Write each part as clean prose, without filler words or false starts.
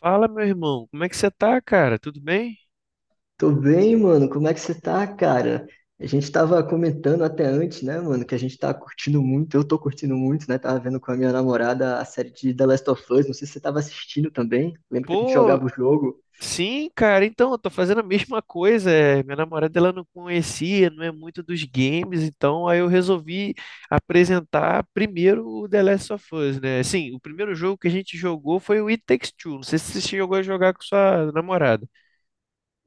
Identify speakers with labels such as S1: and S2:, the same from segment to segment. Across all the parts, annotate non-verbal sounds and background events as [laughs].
S1: Fala, meu irmão, como é que você tá, cara? Tudo bem?
S2: Tô bem, mano. Como é que você tá, cara? A gente tava comentando até antes, né, mano, que a gente tá curtindo muito. Eu tô curtindo muito, né? Tava vendo com a minha namorada a série de The Last of Us. Não sei se você tava assistindo também. Lembra que a gente
S1: Pô,
S2: jogava o jogo?
S1: sim, cara, então, eu tô fazendo a mesma coisa. Minha namorada, ela não conhecia, não é muito dos games, então aí eu resolvi apresentar primeiro o The Last of Us, né? Assim, o primeiro jogo que a gente jogou foi o It Takes Two. Não sei se você chegou a jogar com sua namorada.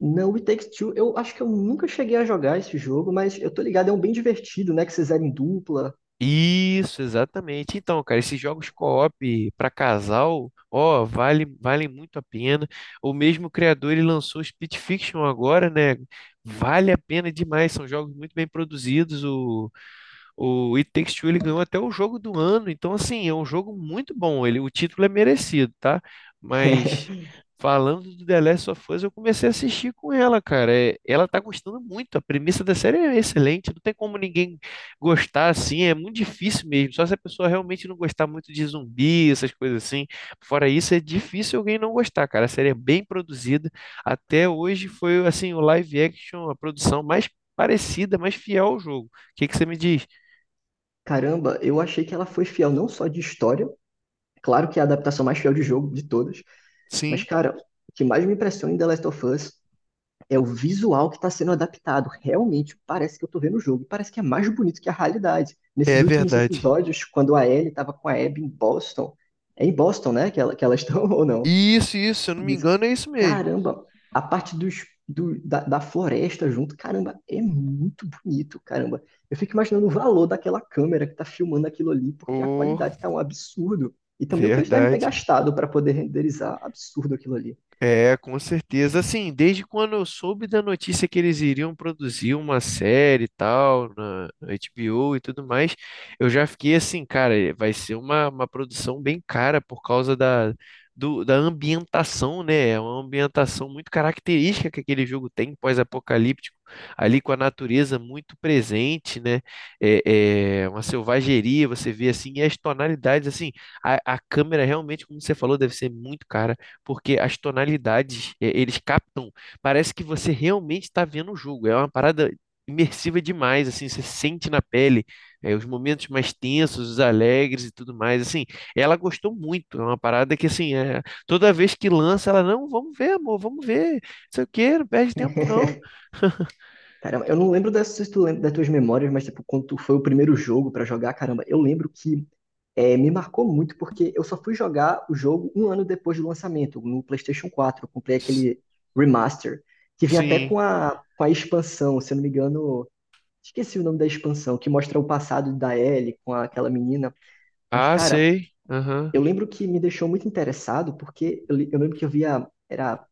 S2: Não, It Takes Two. Eu acho que eu nunca cheguei a jogar esse jogo, mas eu tô ligado, é um bem divertido, né? Que vocês eram em dupla.
S1: Isso, exatamente. Então, cara, esses jogos co-op para casal, ó, valem muito a pena. O mesmo criador, ele lançou o Split Fiction agora, né? Vale a pena demais, são jogos muito bem produzidos. O It Takes Two ele ganhou até o jogo do ano, então assim, é um jogo muito bom. O título é merecido, tá? Mas
S2: [laughs]
S1: falando do The Last of Us, eu comecei a assistir com ela, cara. É, ela tá gostando muito. A premissa da série é excelente, não tem como ninguém gostar assim, é muito difícil mesmo. Só se a pessoa realmente não gostar muito de zumbi, essas coisas assim. Fora isso, é difícil alguém não gostar, cara. A série é bem produzida. Até hoje foi assim, o live action, a produção mais parecida, mais fiel ao jogo. O que que você me diz?
S2: Caramba, eu achei que ela foi fiel não só de história, claro que é a adaptação mais fiel de jogo de todas, mas,
S1: Sim,
S2: cara, o que mais me impressiona em The Last of Us é o visual que está sendo adaptado. Realmente parece que eu estou vendo o jogo, e parece que é mais bonito que a realidade.
S1: é
S2: Nesses últimos
S1: verdade.
S2: episódios, quando a Ellie estava com a Abby em Boston, é em Boston, né, que elas estão [laughs] ou não?
S1: Isso, se eu não
S2: E
S1: me
S2: disse,
S1: engano, é isso mesmo.
S2: caramba, a parte da floresta junto, caramba, é muito bonito, caramba. Eu fico imaginando o valor daquela câmera que está filmando aquilo ali, porque a
S1: Oh,
S2: qualidade está um absurdo. E também o que eles devem ter
S1: verdade.
S2: gastado para poder renderizar, absurdo aquilo ali.
S1: É, com certeza. Assim, desde quando eu soube da notícia que eles iriam produzir uma série e tal, na HBO e tudo mais, eu já fiquei assim, cara, vai ser uma produção bem cara por causa da ambientação, né? É uma ambientação muito característica que aquele jogo tem, pós-apocalíptico, ali com a natureza muito presente, né? É uma selvageria, você vê assim, e as tonalidades, assim, a câmera realmente, como você falou, deve ser muito cara porque as tonalidades, eles captam, parece que você realmente está vendo o jogo. É uma parada imersiva demais, assim, você sente na pele, os momentos mais tensos, os alegres e tudo mais, assim. Ela gostou muito, é uma parada que, assim, toda vez que lança, ela, não, vamos ver, amor, vamos ver, não sei o quê, não perde tempo, não.
S2: Caramba, eu não lembro dessas, se tu lembra das tuas memórias, mas tipo, quando tu foi o primeiro jogo pra jogar, caramba, eu lembro que me marcou muito porque eu só fui jogar o jogo um ano depois do lançamento, no PlayStation quatro. Eu comprei
S1: S-
S2: aquele remaster, que vinha até
S1: Sim.
S2: com a expansão, se eu não me engano, esqueci o nome da expansão, que mostra o passado da Ellie com aquela menina. Mas,
S1: Ah,
S2: cara,
S1: sei. Aham.
S2: eu lembro que me deixou muito interessado porque eu lembro que eu via, era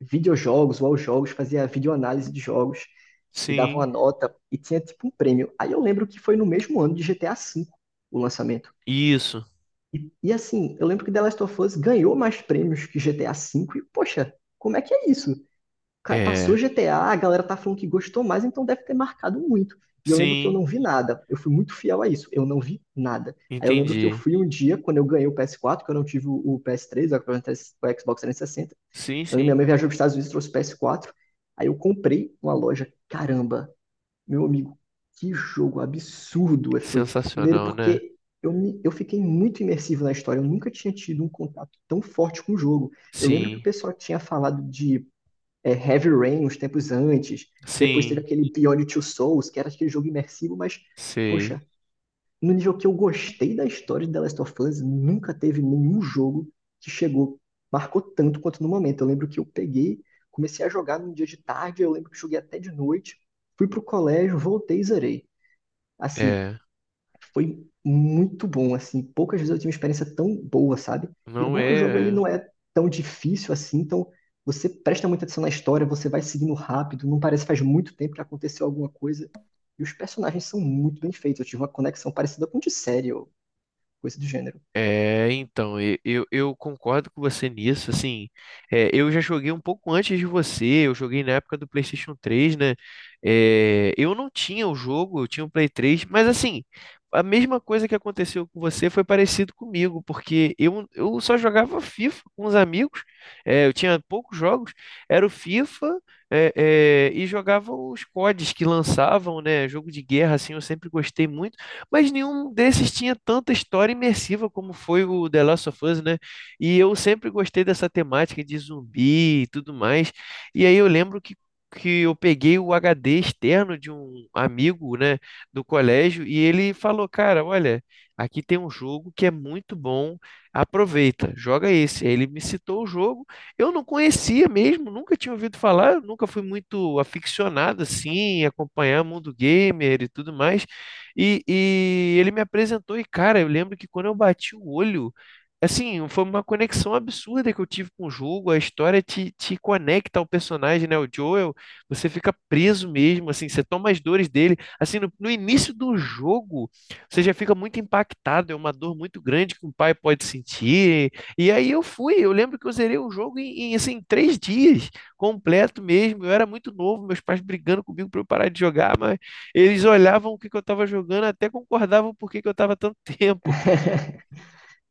S2: videojogos ou aos jogos, fazia videoanálise de jogos e dava uma
S1: Sim.
S2: nota e tinha tipo um prêmio. Aí eu lembro que foi no mesmo ano de GTA V o lançamento.
S1: Isso.
S2: E assim, eu lembro que The Last of Us ganhou mais prêmios que GTA V e, poxa, como é que é isso? Passou
S1: É.
S2: GTA, a galera tá falando que gostou mais, então deve ter marcado muito. E eu lembro que eu
S1: Sim.
S2: não vi nada. Eu fui muito fiel a isso. Eu não vi nada. Aí eu lembro que eu
S1: Entendi.
S2: fui um dia, quando eu ganhei o PS4, que eu não tive o PS3, o Xbox 360,
S1: Sim,
S2: eu minha
S1: sim.
S2: mãe viajou para os Estados Unidos e trouxe PS4. Aí eu comprei numa loja. Caramba, meu amigo, que jogo absurdo foi. Primeiro
S1: Sensacional, né?
S2: porque eu fiquei muito imersivo na história. Eu nunca tinha tido um contato tão forte com o jogo. Eu lembro que o
S1: Sim.
S2: pessoal tinha falado de Heavy Rain uns tempos antes. Depois teve
S1: Sim,
S2: aquele Beyond Two Souls, que era aquele jogo imersivo, mas,
S1: sei.
S2: poxa, no jogo que eu gostei da história de The Last of Us, nunca teve nenhum jogo que chegou, marcou tanto quanto no momento. Eu lembro que comecei a jogar num dia de tarde, eu lembro que joguei até de noite, fui pro colégio, voltei e zerei. Assim,
S1: É,
S2: foi muito bom, assim, poucas vezes eu tive uma experiência tão boa, sabe? E é
S1: não
S2: bom que o jogo ele
S1: é. É.
S2: não é tão difícil assim, então você presta muita atenção na história, você vai seguindo rápido, não parece que faz muito tempo que aconteceu alguma coisa. E os personagens são muito bem feitos. Eu tive uma conexão parecida com de série coisa do gênero.
S1: É, então, eu concordo com você nisso, assim, eu já joguei um pouco antes de você, eu joguei na época do PlayStation 3, né, eu não tinha o jogo, eu tinha o Play 3, mas assim, a mesma coisa que aconteceu com você foi parecido comigo, porque eu só jogava FIFA com os amigos, eu tinha poucos jogos, era o FIFA, e jogava os CODs que lançavam, né, jogo de guerra, assim, eu sempre gostei muito, mas nenhum desses tinha tanta história imersiva como foi o The Last of Us, né? E eu sempre gostei dessa temática de zumbi e tudo mais. E aí eu lembro que eu peguei o HD externo de um amigo, né, do colégio, e ele falou, cara, olha, aqui tem um jogo que é muito bom, aproveita, joga esse. Aí ele me citou o jogo, eu não conhecia mesmo, nunca tinha ouvido falar, eu nunca fui muito aficionado assim, em acompanhar mundo gamer e tudo mais. E ele me apresentou, e cara, eu lembro que quando eu bati o olho, assim, foi uma conexão absurda que eu tive com o jogo. A história te conecta ao personagem, né? O Joel, você fica preso mesmo, assim, você toma as dores dele. Assim, no início do jogo, você já fica muito impactado, é uma dor muito grande que um pai pode sentir. E aí eu lembro que eu zerei o jogo em, assim, 3 dias, completo mesmo. Eu era muito novo, meus pais brigando comigo para eu parar de jogar, mas. Eles olhavam o que que eu tava jogando, até concordavam por que que eu tava tanto [laughs] tempo.
S2: [laughs]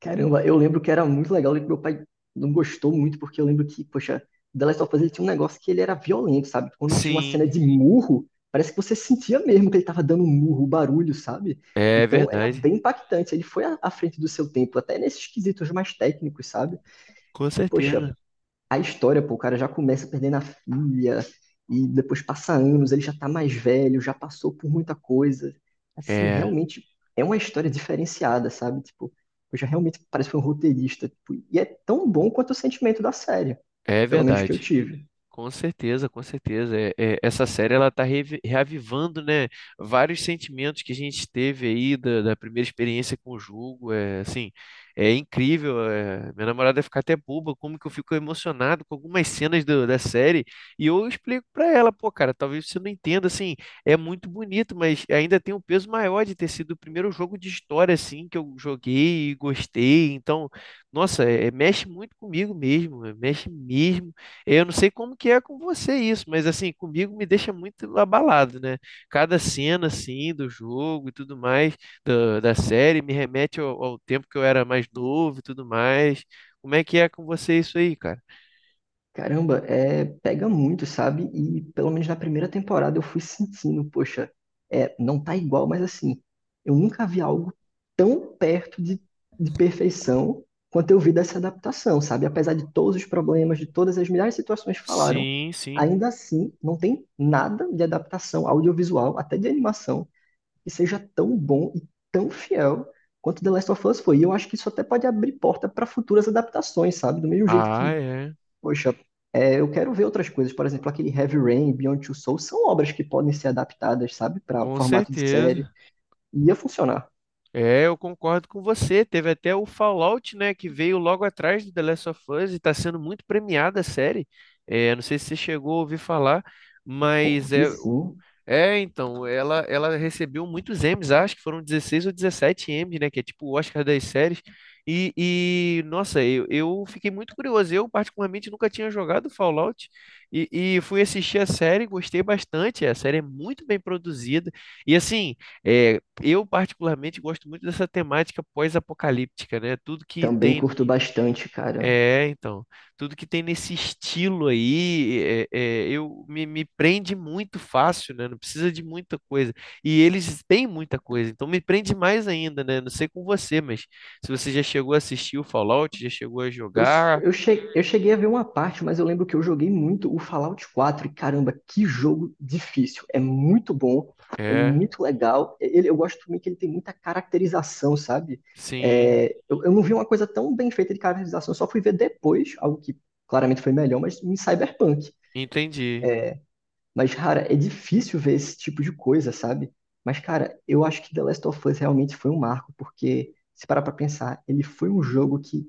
S2: Caramba, eu lembro que era muito legal e que meu pai não gostou muito, porque eu lembro que, poxa, The Last of Us ele tinha um negócio que ele era violento, sabe? Quando tinha uma cena
S1: Sim,
S2: de murro, parece que você sentia mesmo que ele tava dando um murro, um barulho, sabe?
S1: é
S2: Então era
S1: verdade.
S2: bem impactante. Ele foi à frente do seu tempo, até nesses quesitos mais técnicos, sabe?
S1: Com
S2: E, poxa,
S1: certeza.
S2: a história, pô, o cara já começa perdendo a filha, e depois passa anos, ele já tá mais velho, já passou por muita coisa. Assim,
S1: É,
S2: realmente é uma história diferenciada, sabe? Tipo, eu já realmente parece que foi um roteirista, tipo, e é tão bom quanto o sentimento da série,
S1: é
S2: pelo menos que eu
S1: verdade.
S2: tive.
S1: Com certeza, com certeza. Essa série ela está reavivando, né, vários sentimentos que a gente teve aí da primeira experiência com o jogo. É assim, é incrível. Minha namorada vai ficar até boba como que eu fico emocionado com algumas cenas da série. E eu explico para ela, pô, cara, talvez você não entenda, assim, é muito bonito, mas ainda tem um peso maior de ter sido o primeiro jogo de história assim que eu joguei e gostei. Então, nossa, mexe muito comigo mesmo, mexe mesmo. Eu não sei como que é com você isso, mas assim, comigo me deixa muito abalado, né? Cada cena, assim, do jogo e tudo mais, da série, me remete ao tempo que eu era mais novo e tudo mais. Como é que é com você isso aí, cara?
S2: Caramba, pega muito, sabe? E pelo menos na primeira temporada eu fui sentindo, poxa, não tá igual, mas assim, eu nunca vi algo tão perto de perfeição quanto eu vi dessa adaptação, sabe? Apesar de todos os problemas, de todas as milhares de situações que falaram,
S1: Sim, sim.
S2: ainda assim não tem nada de adaptação audiovisual, até de animação, que seja tão bom e tão fiel quanto The Last of Us foi. E eu acho que isso até pode abrir porta para futuras adaptações, sabe? Do mesmo jeito
S1: Ah,
S2: que,
S1: é.
S2: poxa, eu quero ver outras coisas. Por exemplo, aquele Heavy Rain, Beyond Two Souls são obras que podem ser adaptadas, sabe, para
S1: Com
S2: formato de série.
S1: certeza.
S2: E ia funcionar.
S1: É, eu concordo com você. Teve até o Fallout, né, que veio logo atrás do The Last of Us e tá sendo muito premiada a série. É, não sei se você chegou a ouvir falar, mas
S2: Vi sim,
S1: É, então, ela recebeu muitos Emmys, acho que foram 16 ou 17 Emmys, né? Que é tipo o Oscar das séries. Nossa, eu fiquei muito curioso. Eu, particularmente, nunca tinha jogado Fallout e, e fui assistir a série, gostei bastante. A série é muito bem produzida. E, assim, eu, particularmente, gosto muito dessa temática pós-apocalíptica, né?
S2: também curto bastante, cara.
S1: É, então, tudo que tem nesse estilo aí, eu me prende muito fácil, né? Não precisa de muita coisa. E eles têm muita coisa, então me prende mais ainda, né? Não sei com você, mas se você já chegou a assistir o Fallout, já chegou a
S2: Eu,
S1: jogar,
S2: eu cheguei a ver uma parte, mas eu lembro que eu joguei muito o Fallout quatro. E caramba, que jogo difícil. É muito bom, é
S1: é,
S2: muito legal. Eu gosto também que ele tem muita caracterização, sabe?
S1: sim,
S2: É, eu não vi uma coisa tão bem feita de caracterização, eu só fui ver depois, algo que claramente foi melhor, mas em Cyberpunk.
S1: entendi,
S2: Mas, cara, é difícil ver esse tipo de coisa, sabe? Mas, cara, eu acho que The Last of Us realmente foi um marco, porque, se parar pra pensar, ele foi um jogo que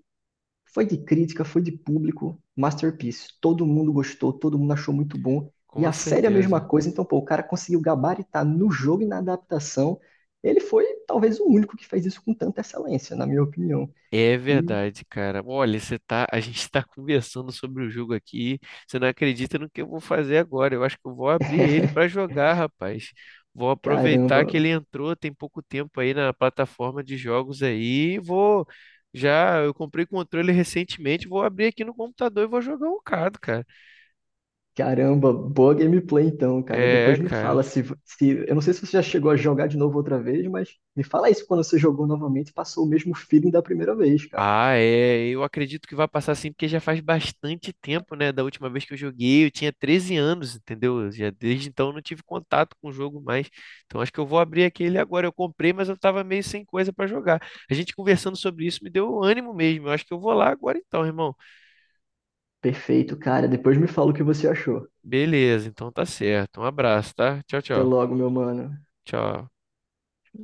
S2: foi de crítica, foi de público, masterpiece. Todo mundo gostou, todo mundo achou muito bom. E
S1: com
S2: a série é a mesma
S1: certeza.
S2: coisa, então, pô, o cara conseguiu gabaritar no jogo e na adaptação. Ele foi, talvez, o único que fez isso com tanta excelência, na minha opinião.
S1: É
S2: E,
S1: verdade, cara. Olha, a gente está [laughs] conversando sobre o jogo aqui. Você não acredita no que eu vou fazer agora. Eu acho que eu vou abrir ele para
S2: [laughs]
S1: jogar, rapaz. Vou aproveitar que ele
S2: caramba,
S1: entrou tem pouco tempo aí na plataforma de jogos aí. Eu comprei o controle recentemente. Vou abrir aqui no computador e vou jogar um bocado, cara.
S2: Caramba, boa gameplay então, cara. Depois
S1: É,
S2: me fala
S1: cara.
S2: se. Eu não sei se você já chegou a jogar de novo outra vez, mas me fala isso quando você jogou novamente e passou o mesmo feeling da primeira vez, cara.
S1: Ah, é. Eu acredito que vai passar assim, porque já faz bastante tempo, né? Da última vez que eu joguei, eu tinha 13 anos, entendeu? Já desde então eu não tive contato com o jogo mais. Então acho que eu vou abrir aquele agora. Eu comprei, mas eu tava meio sem coisa pra jogar. A gente conversando sobre isso me deu ânimo mesmo. Eu acho que eu vou lá agora então, irmão.
S2: Perfeito, cara. Depois me fala o que você achou.
S1: Beleza, então tá certo. Um abraço, tá? Tchau,
S2: Até
S1: tchau.
S2: logo, meu mano.
S1: Tchau.